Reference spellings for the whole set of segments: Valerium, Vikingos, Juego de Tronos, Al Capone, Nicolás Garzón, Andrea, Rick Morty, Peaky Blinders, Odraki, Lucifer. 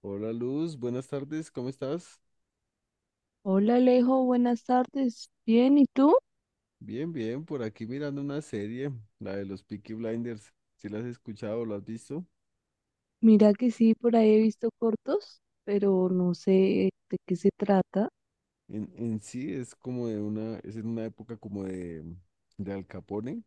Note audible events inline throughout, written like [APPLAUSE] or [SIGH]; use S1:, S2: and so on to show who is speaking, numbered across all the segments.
S1: Hola Luz, buenas tardes, ¿cómo estás?
S2: Hola Alejo, buenas tardes. Bien, ¿y tú?
S1: Bien, bien, por aquí mirando una serie, la de los Peaky Blinders. ¿Si la has escuchado o la has visto?
S2: Mira que sí, por ahí he visto cortos, pero no sé de qué se trata.
S1: En sí es como de una, es en una época como de Al Capone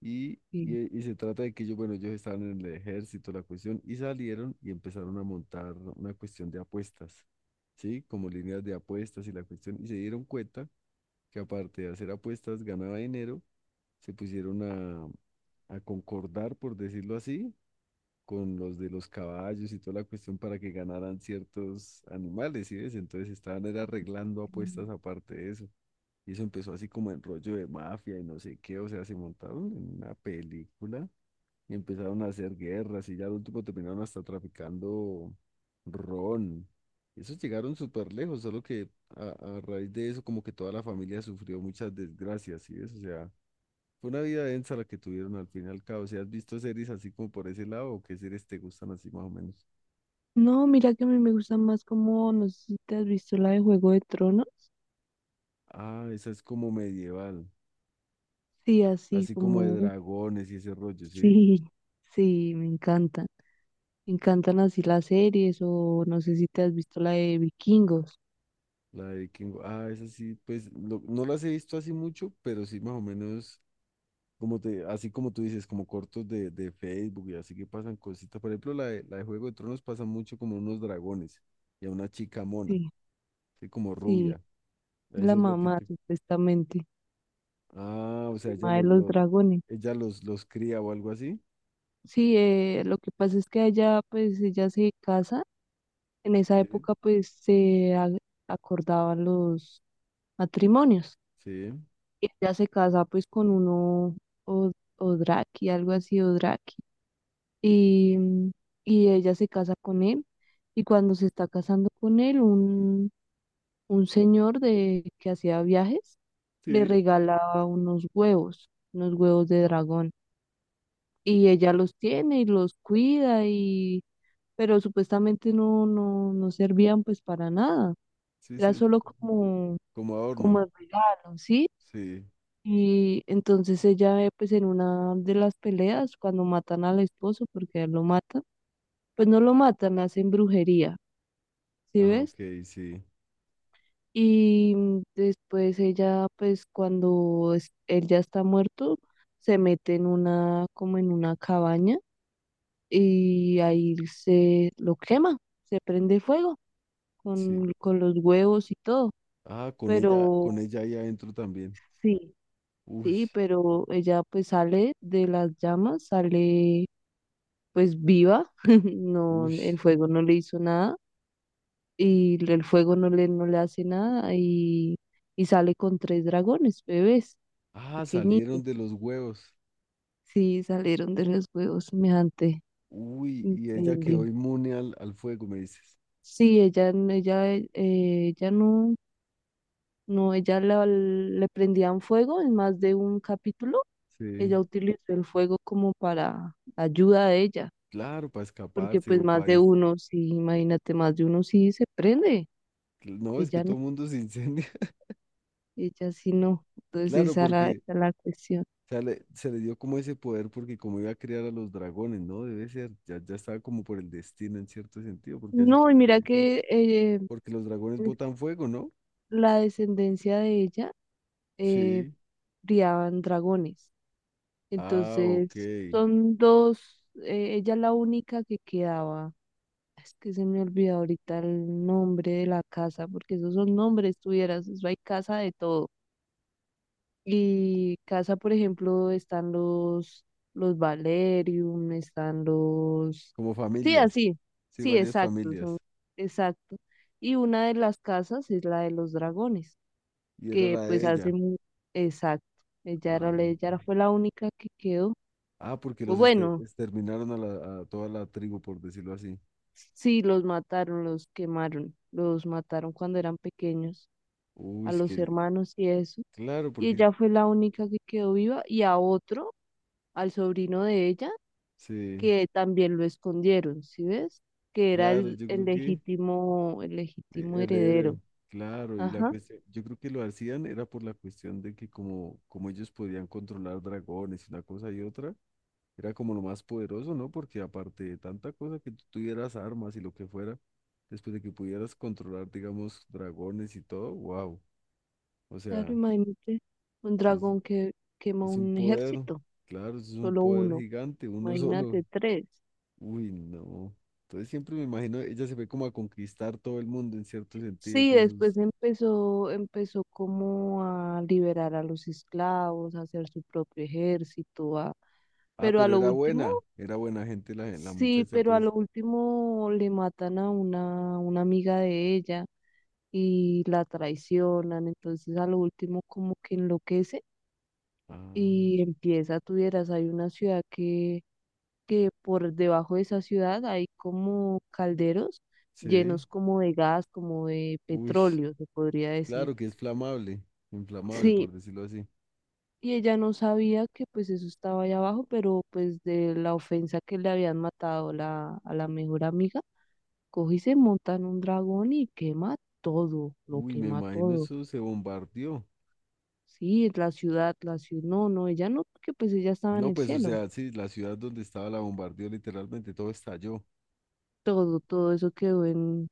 S1: y,
S2: Sí.
S1: y se trata de que ellos, bueno, ellos estaban en el ejército, la cuestión, y salieron y empezaron a montar una cuestión de apuestas, ¿sí? Como líneas de apuestas y la cuestión, y se dieron cuenta que aparte de hacer apuestas ganaba dinero, se pusieron a concordar, por decirlo así, con los de los caballos y toda la cuestión para que ganaran ciertos animales, ¿sí ves? Entonces estaban era arreglando apuestas aparte de eso. Y eso empezó así como en rollo de mafia y no sé qué, o sea, se montaron en una película y empezaron a hacer guerras y ya al último terminaron hasta traficando ron. Esos llegaron súper lejos, solo que a, a raíz de eso como que toda la familia sufrió muchas desgracias, ¿sí ves? O sea, fue una vida densa la que tuvieron al fin y al cabo. ¿Si has visto series así como por ese lado, o qué series te gustan así más o menos?
S2: No, mira que a mí me gusta más como, no sé si te has visto la de Juego de Tronos.
S1: Ah, esa es como medieval,
S2: Sí, así
S1: así como de
S2: como,
S1: dragones y ese rollo,
S2: [LAUGHS]
S1: ¿sí?
S2: sí, sí, me encantan. Me encantan así las series o no sé si te has visto la de Vikingos.
S1: La de King. Ah, esa sí, pues no las he visto así mucho, pero sí más o menos, como te, así como tú dices, como cortos de Facebook y así que pasan cositas. Por ejemplo, la de Juego de Tronos pasa mucho como unos dragones y a una chica mona,
S2: Sí,
S1: ¿sí? Como
S2: sí,
S1: rubia. Eso
S2: la
S1: es lo que
S2: mamá
S1: te.
S2: supuestamente,
S1: Ah, o sea,
S2: la mamá de los dragones.
S1: ella los cría o algo así.
S2: Sí, lo que pasa es que allá pues ella se casa. En esa
S1: Sí,
S2: época pues acordaban los matrimonios.
S1: sí,
S2: Y ella se casa pues con uno Odraki, algo así, Odraki. Y, mm, y ella se casa con él. Y cuando se está casando con él, un señor que hacía viajes le
S1: sí,
S2: regalaba unos huevos de dragón. Y ella los tiene y los cuida pero supuestamente no, no, no servían pues para nada.
S1: sí, sí,
S2: Era
S1: es
S2: solo como,
S1: como adorno.
S2: como el regalo, ¿sí?
S1: Sí.
S2: Y entonces ella, pues en una de las peleas, cuando matan al esposo, porque a él lo matan, pues no lo matan, le hacen brujería, ¿sí
S1: Ah,
S2: ves?
S1: ok, sí,
S2: Y después ella, pues cuando él ya está muerto, se mete en una, como en una cabaña y ahí se lo quema, se prende fuego
S1: sí.
S2: con los huevos y todo,
S1: Ah, con
S2: pero
S1: ella ahí adentro también.
S2: sí.
S1: Uy,
S2: Sí, pero ella pues sale de las llamas, sale pues viva, [LAUGHS] no,
S1: uy.
S2: el fuego no le hizo nada y el fuego no le hace nada y sale con tres dragones, bebés,
S1: Ah, salieron
S2: pequeñitos.
S1: de los huevos.
S2: Sí, salieron de los huevos semejante.
S1: Uy, y ella quedó
S2: Increíble.
S1: inmune al, al fuego, me dices.
S2: Sí, ella, ella no, no, ella le prendían fuego en más de un capítulo. Ella
S1: Sí,
S2: utilizó el fuego como para ayuda de ella.
S1: claro, para
S2: Porque
S1: escaparse
S2: pues
S1: o
S2: más
S1: para…
S2: de uno, sí, imagínate, más de uno sí se prende,
S1: No, es que
S2: ella no,
S1: todo el mundo se incendia. [LAUGHS]
S2: ella sí no, entonces
S1: Claro,
S2: esa era,
S1: porque
S2: esa era la cuestión.
S1: o sea, se le dio como ese poder porque como iba a criar a los dragones, ¿no? Debe ser, ya, ya estaba como por el destino en cierto sentido, porque así
S2: No,
S1: como
S2: y
S1: lo
S2: mira
S1: dices.
S2: que
S1: Porque los dragones
S2: pues,
S1: botan fuego, ¿no?
S2: la descendencia de ella eh,
S1: Sí.
S2: criaban dragones,
S1: Ah, ok.
S2: entonces son dos, ella es la única que quedaba, es que se me olvidó ahorita el nombre de la casa, porque esos son nombres tuvieras, eso hay casa de todo. Y casa, por ejemplo, están los Valerium, están los...
S1: Como
S2: Sí,
S1: familias.
S2: así,
S1: Sí,
S2: sí,
S1: varias
S2: exacto, son,
S1: familias.
S2: exacto. Y una de las casas es la de los dragones,
S1: Y era
S2: que
S1: la
S2: pues
S1: de
S2: hace
S1: ella.
S2: mu-. Exacto, ella era,
S1: Ah,
S2: la- ella era- fue la única que quedó.
S1: ah, porque los
S2: Bueno,
S1: exterminaron a, a toda la tribu, por decirlo así.
S2: sí, los mataron, los quemaron, los mataron cuando eran pequeños,
S1: Uy,
S2: a
S1: es
S2: los
S1: que,
S2: hermanos y eso.
S1: claro,
S2: Y
S1: porque
S2: ella fue la única que quedó viva y a otro, al sobrino de ella
S1: sí,
S2: que también lo escondieron, ¿sí ves? Que era
S1: claro,
S2: el,
S1: yo
S2: el
S1: creo que
S2: legítimo, el legítimo heredero.
S1: heredero, claro, y la
S2: Ajá,
S1: cuestión, yo creo que lo hacían era por la cuestión de que como, como ellos podían controlar dragones y una cosa y otra, era como lo más poderoso, ¿no? Porque aparte de tanta cosa que tú tuvieras armas y lo que fuera, después de que pudieras controlar, digamos, dragones y todo, wow. O
S2: claro,
S1: sea,
S2: imagínate un
S1: es,
S2: dragón que quema
S1: es un
S2: un
S1: poder,
S2: ejército,
S1: claro, es un
S2: solo
S1: poder
S2: uno,
S1: gigante, uno [LAUGHS] solo.
S2: imagínate tres.
S1: Uy, no. Entonces siempre me imagino, ella se fue como a conquistar todo el mundo en cierto sentido
S2: Sí,
S1: con
S2: después
S1: sus…
S2: empezó como a liberar a los esclavos, a hacer su propio ejército, a...
S1: Ah,
S2: Pero a
S1: pero
S2: lo último,
S1: era buena gente la, la
S2: sí,
S1: muchacha,
S2: pero a
S1: pues.
S2: lo último le matan a una amiga de ella y la traicionan, entonces a lo último como que enloquece
S1: Ah,
S2: y empieza, tuvieras, hay una ciudad que por debajo de esa ciudad hay como calderos
S1: sí.
S2: llenos como de gas, como de
S1: Uy,
S2: petróleo, se podría decir.
S1: claro que es flamable, inflamable,
S2: Sí,
S1: por decirlo así.
S2: y ella no sabía que pues eso estaba allá abajo, pero pues de la ofensa que le habían matado a la mejor amiga, coge y se monta en un dragón y quema todo, lo
S1: Uy, me
S2: quema
S1: imagino
S2: todo.
S1: eso se bombardeó.
S2: Sí, la ciudad, no, no, ella no, porque pues ella estaba en
S1: No,
S2: el
S1: pues, o
S2: cielo.
S1: sea, sí, la ciudad donde estaba la bombardeó literalmente, todo estalló
S2: Todo, todo eso quedó en,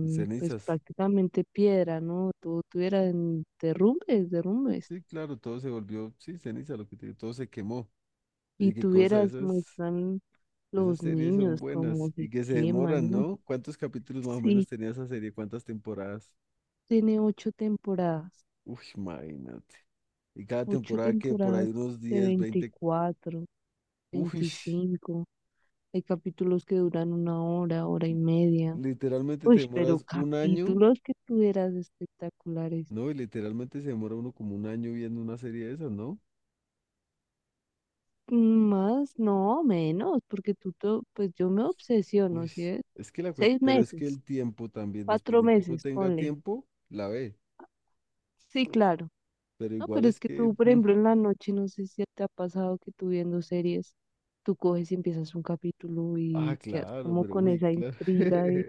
S1: en
S2: pues
S1: cenizas.
S2: prácticamente piedra, ¿no? Todo tuviera en derrumbes, derrumbes.
S1: Sí, claro, todo se volvió, sí, ceniza, lo que te digo, todo se quemó.
S2: Y
S1: Oye, qué cosa,
S2: tuvieras,
S1: esas,
S2: muestran
S1: esas
S2: los
S1: series son
S2: niños como
S1: buenas
S2: se
S1: y que se
S2: queman,
S1: demoran,
S2: ¿no?
S1: ¿no? ¿Cuántos capítulos más o menos
S2: Sí,
S1: tenía esa serie? ¿Cuántas temporadas?
S2: tiene ocho temporadas,
S1: Uy, imagínate. Y cada
S2: ocho
S1: temporada que por
S2: temporadas
S1: ahí unos
S2: De
S1: 10 veinte,
S2: 24,
S1: uy,
S2: 25. Hay capítulos que duran una hora, hora y media.
S1: literalmente te
S2: Uy, pero
S1: demoras un año,
S2: capítulos que tuvieras espectaculares.
S1: ¿no? Y literalmente se demora uno como un año viendo una serie de esas, ¿no?
S2: Más, no, menos, porque tú, pues yo me obsesiono,
S1: Uy,
S2: ¿sí ves?
S1: es que
S2: Seis
S1: pero es que
S2: meses,
S1: el tiempo también, después
S2: cuatro
S1: de que uno
S2: meses,
S1: tenga
S2: ponle.
S1: tiempo, la ve.
S2: Sí, claro.
S1: Pero
S2: No,
S1: igual
S2: pero es
S1: es
S2: que
S1: que,
S2: tú, por ejemplo, en la noche, no sé si te ha pasado que tú viendo series, tú coges y empiezas un capítulo
S1: ah,
S2: y quedas
S1: claro,
S2: como
S1: pero
S2: con
S1: uy,
S2: esa
S1: claro. [LAUGHS]
S2: intriga de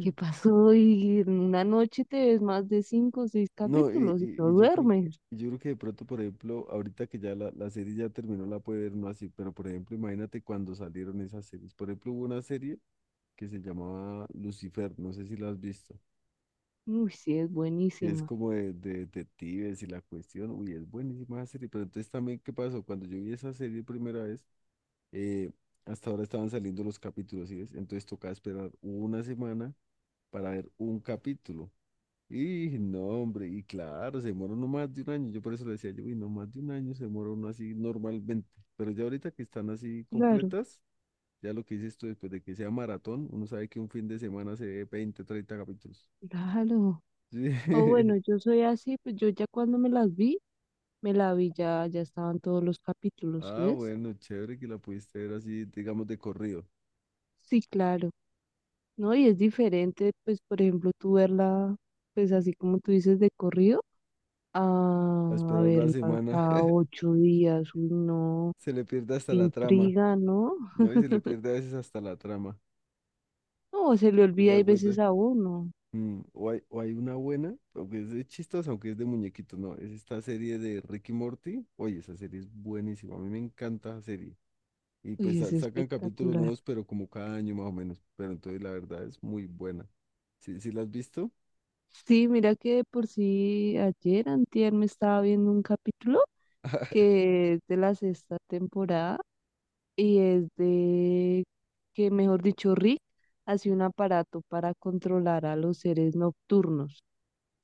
S2: qué pasó y en una noche te ves más de cinco o seis
S1: No, y,
S2: capítulos y no
S1: y- y
S2: duermes.
S1: yo creo que de pronto, por ejemplo, ahorita que ya la serie ya terminó, la puede ver no así, pero por ejemplo, imagínate cuando salieron esas series. Por ejemplo, hubo una serie que se llamaba Lucifer, no sé si la has visto,
S2: Uy, sí, es
S1: que es
S2: buenísima.
S1: como de detectives y la cuestión, uy, es buenísima esa serie, pero entonces también, ¿qué pasó? Cuando yo vi esa serie primera vez, eh, hasta ahora estaban saliendo los capítulos, ¿sí ves? Entonces tocaba esperar una semana para ver un capítulo. Y no, hombre, y claro, se demora no más de un año. Yo por eso le decía yo, uy, no más de un año se demora uno así normalmente. Pero ya ahorita que están así
S2: Claro,
S1: completas, ya lo que dices tú después de que sea maratón, uno sabe que un fin de semana se ve 20, 30 capítulos.
S2: claro. O bueno,
S1: Sí.
S2: yo
S1: [LAUGHS]
S2: soy así, pues yo ya cuando me las vi. Me la vi ya estaban todos los capítulos, ¿sí
S1: Ah,
S2: ves?
S1: bueno, chévere que la pudiste ver así, digamos, de corrido.
S2: Sí, claro, ¿no? Y es diferente, pues, por ejemplo, tú verla, pues, así como tú dices, de corrido, a,
S1: A
S2: a
S1: esperar una
S2: verla
S1: semana,
S2: cada
S1: [LAUGHS]
S2: 8 días, uy, no,
S1: se le pierde hasta
S2: qué
S1: la trama.
S2: intriga, ¿no?
S1: No, y se le pierde a veces hasta la trama.
S2: No, se le
S1: ¿Te
S2: olvida hay
S1: das cuenta?
S2: veces a uno,
S1: Mm, o hay, o hay una buena, aunque es de chistos, aunque es de muñequitos, no. Es esta serie de Ricky Morty. Oye, esa serie es buenísima. A mí me encanta esa serie. Y pues
S2: uy, es
S1: sacan capítulos
S2: espectacular.
S1: nuevos, pero como cada año más o menos. Pero entonces la verdad es muy buena. ¿Sí, sí la has visto?
S2: Sí, mira que de por sí ayer, antier, me estaba viendo un capítulo que es de la sexta temporada y es de que, mejor dicho, Rick hace un aparato para controlar a los seres nocturnos.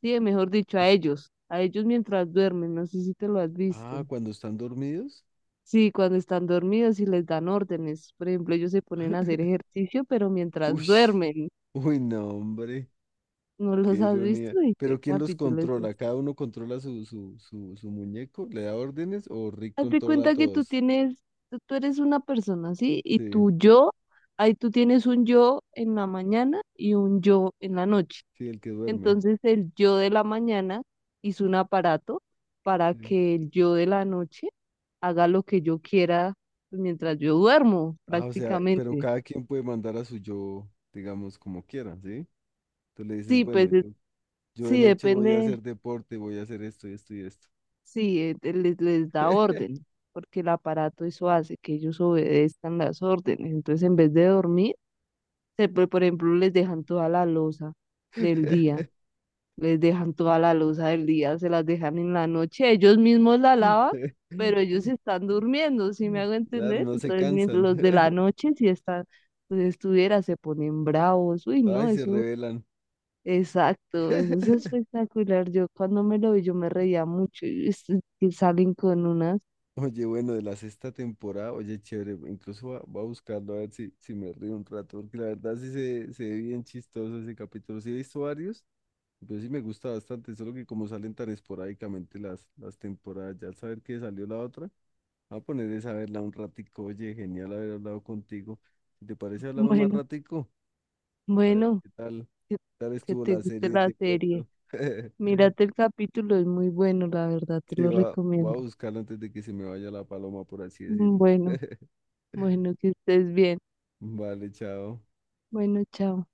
S2: Sí, mejor dicho,
S1: Uy.
S2: a ellos mientras duermen, no sé si te lo has
S1: Ah,
S2: visto.
S1: cuando están dormidos.
S2: Sí, cuando están dormidos y les dan órdenes. Por ejemplo, ellos se ponen a hacer
S1: [LAUGHS]
S2: ejercicio, pero
S1: Uy,
S2: mientras duermen.
S1: uy, no, hombre,
S2: ¿No
S1: qué
S2: los has visto?
S1: ironía.
S2: Dice,
S1: Pero ¿quién los
S2: capítulo es
S1: controla?
S2: este.
S1: ¿Cada uno controla su muñeco? ¿Le da órdenes o Rick
S2: Hazte
S1: controla a
S2: cuenta que tú
S1: todos?
S2: tienes, tú tú eres una persona, ¿sí? Y
S1: Sí,
S2: tu yo, ahí tú tienes un yo en la mañana y un yo en la noche.
S1: sí, el que duerme.
S2: Entonces el yo de la mañana hizo un aparato para
S1: Sí.
S2: que el yo de la noche haga lo que yo quiera pues, mientras yo duermo,
S1: Ah, o sea, pero
S2: prácticamente.
S1: cada quien puede mandar a su yo, digamos, como quiera, ¿sí? Tú le dices,
S2: Sí,
S1: bueno,
S2: pues
S1: yo de
S2: sí,
S1: noche voy a hacer
S2: depende,
S1: deporte, voy a hacer esto y esto y esto.
S2: sí, les da orden, porque el aparato eso hace que ellos obedezcan las órdenes. Entonces en vez de dormir, por ejemplo, les dejan toda la loza del día.
S1: [LAUGHS]
S2: Les dejan toda la loza del día, se las dejan en la noche, ellos mismos la lavan, pero ellos están durmiendo, ¿sí me hago
S1: Claro,
S2: entender?
S1: no se
S2: Entonces, mientras
S1: cansan.
S2: los de la
S1: [LAUGHS]
S2: noche, si están, pues estuviera, se ponen bravos, uy, no,
S1: Ay, se
S2: eso,
S1: rebelan.
S2: exacto, eso es
S1: [LAUGHS]
S2: espectacular, yo cuando me lo vi, yo me reía mucho, y que salen con unas,
S1: Oye, bueno, de la sexta temporada, oye, chévere, incluso va, va a buscarlo a ver si, si me río un rato, porque la verdad sí se ve bien chistoso ese capítulo. Sí he visto varios, yo sí me gusta bastante, solo que como salen tan esporádicamente las temporadas, ya al saber que salió la otra, voy a poner esa a verla un ratico. Oye, genial haber hablado contigo. Si te parece, hablamos más
S2: bueno,
S1: ratico. A ver
S2: bueno, que,
S1: qué tal
S2: que
S1: estuvo
S2: te
S1: la
S2: guste
S1: serie
S2: la
S1: de
S2: serie,
S1: cuento. [LAUGHS]
S2: mírate el capítulo, es muy bueno, la verdad, te
S1: Sí,
S2: lo
S1: va, voy
S2: recomiendo,
S1: a buscarla antes de que se me vaya la paloma, por así decirlo.
S2: bueno,
S1: [LAUGHS]
S2: bueno, que estés bien,
S1: Vale, chao.
S2: bueno, chao.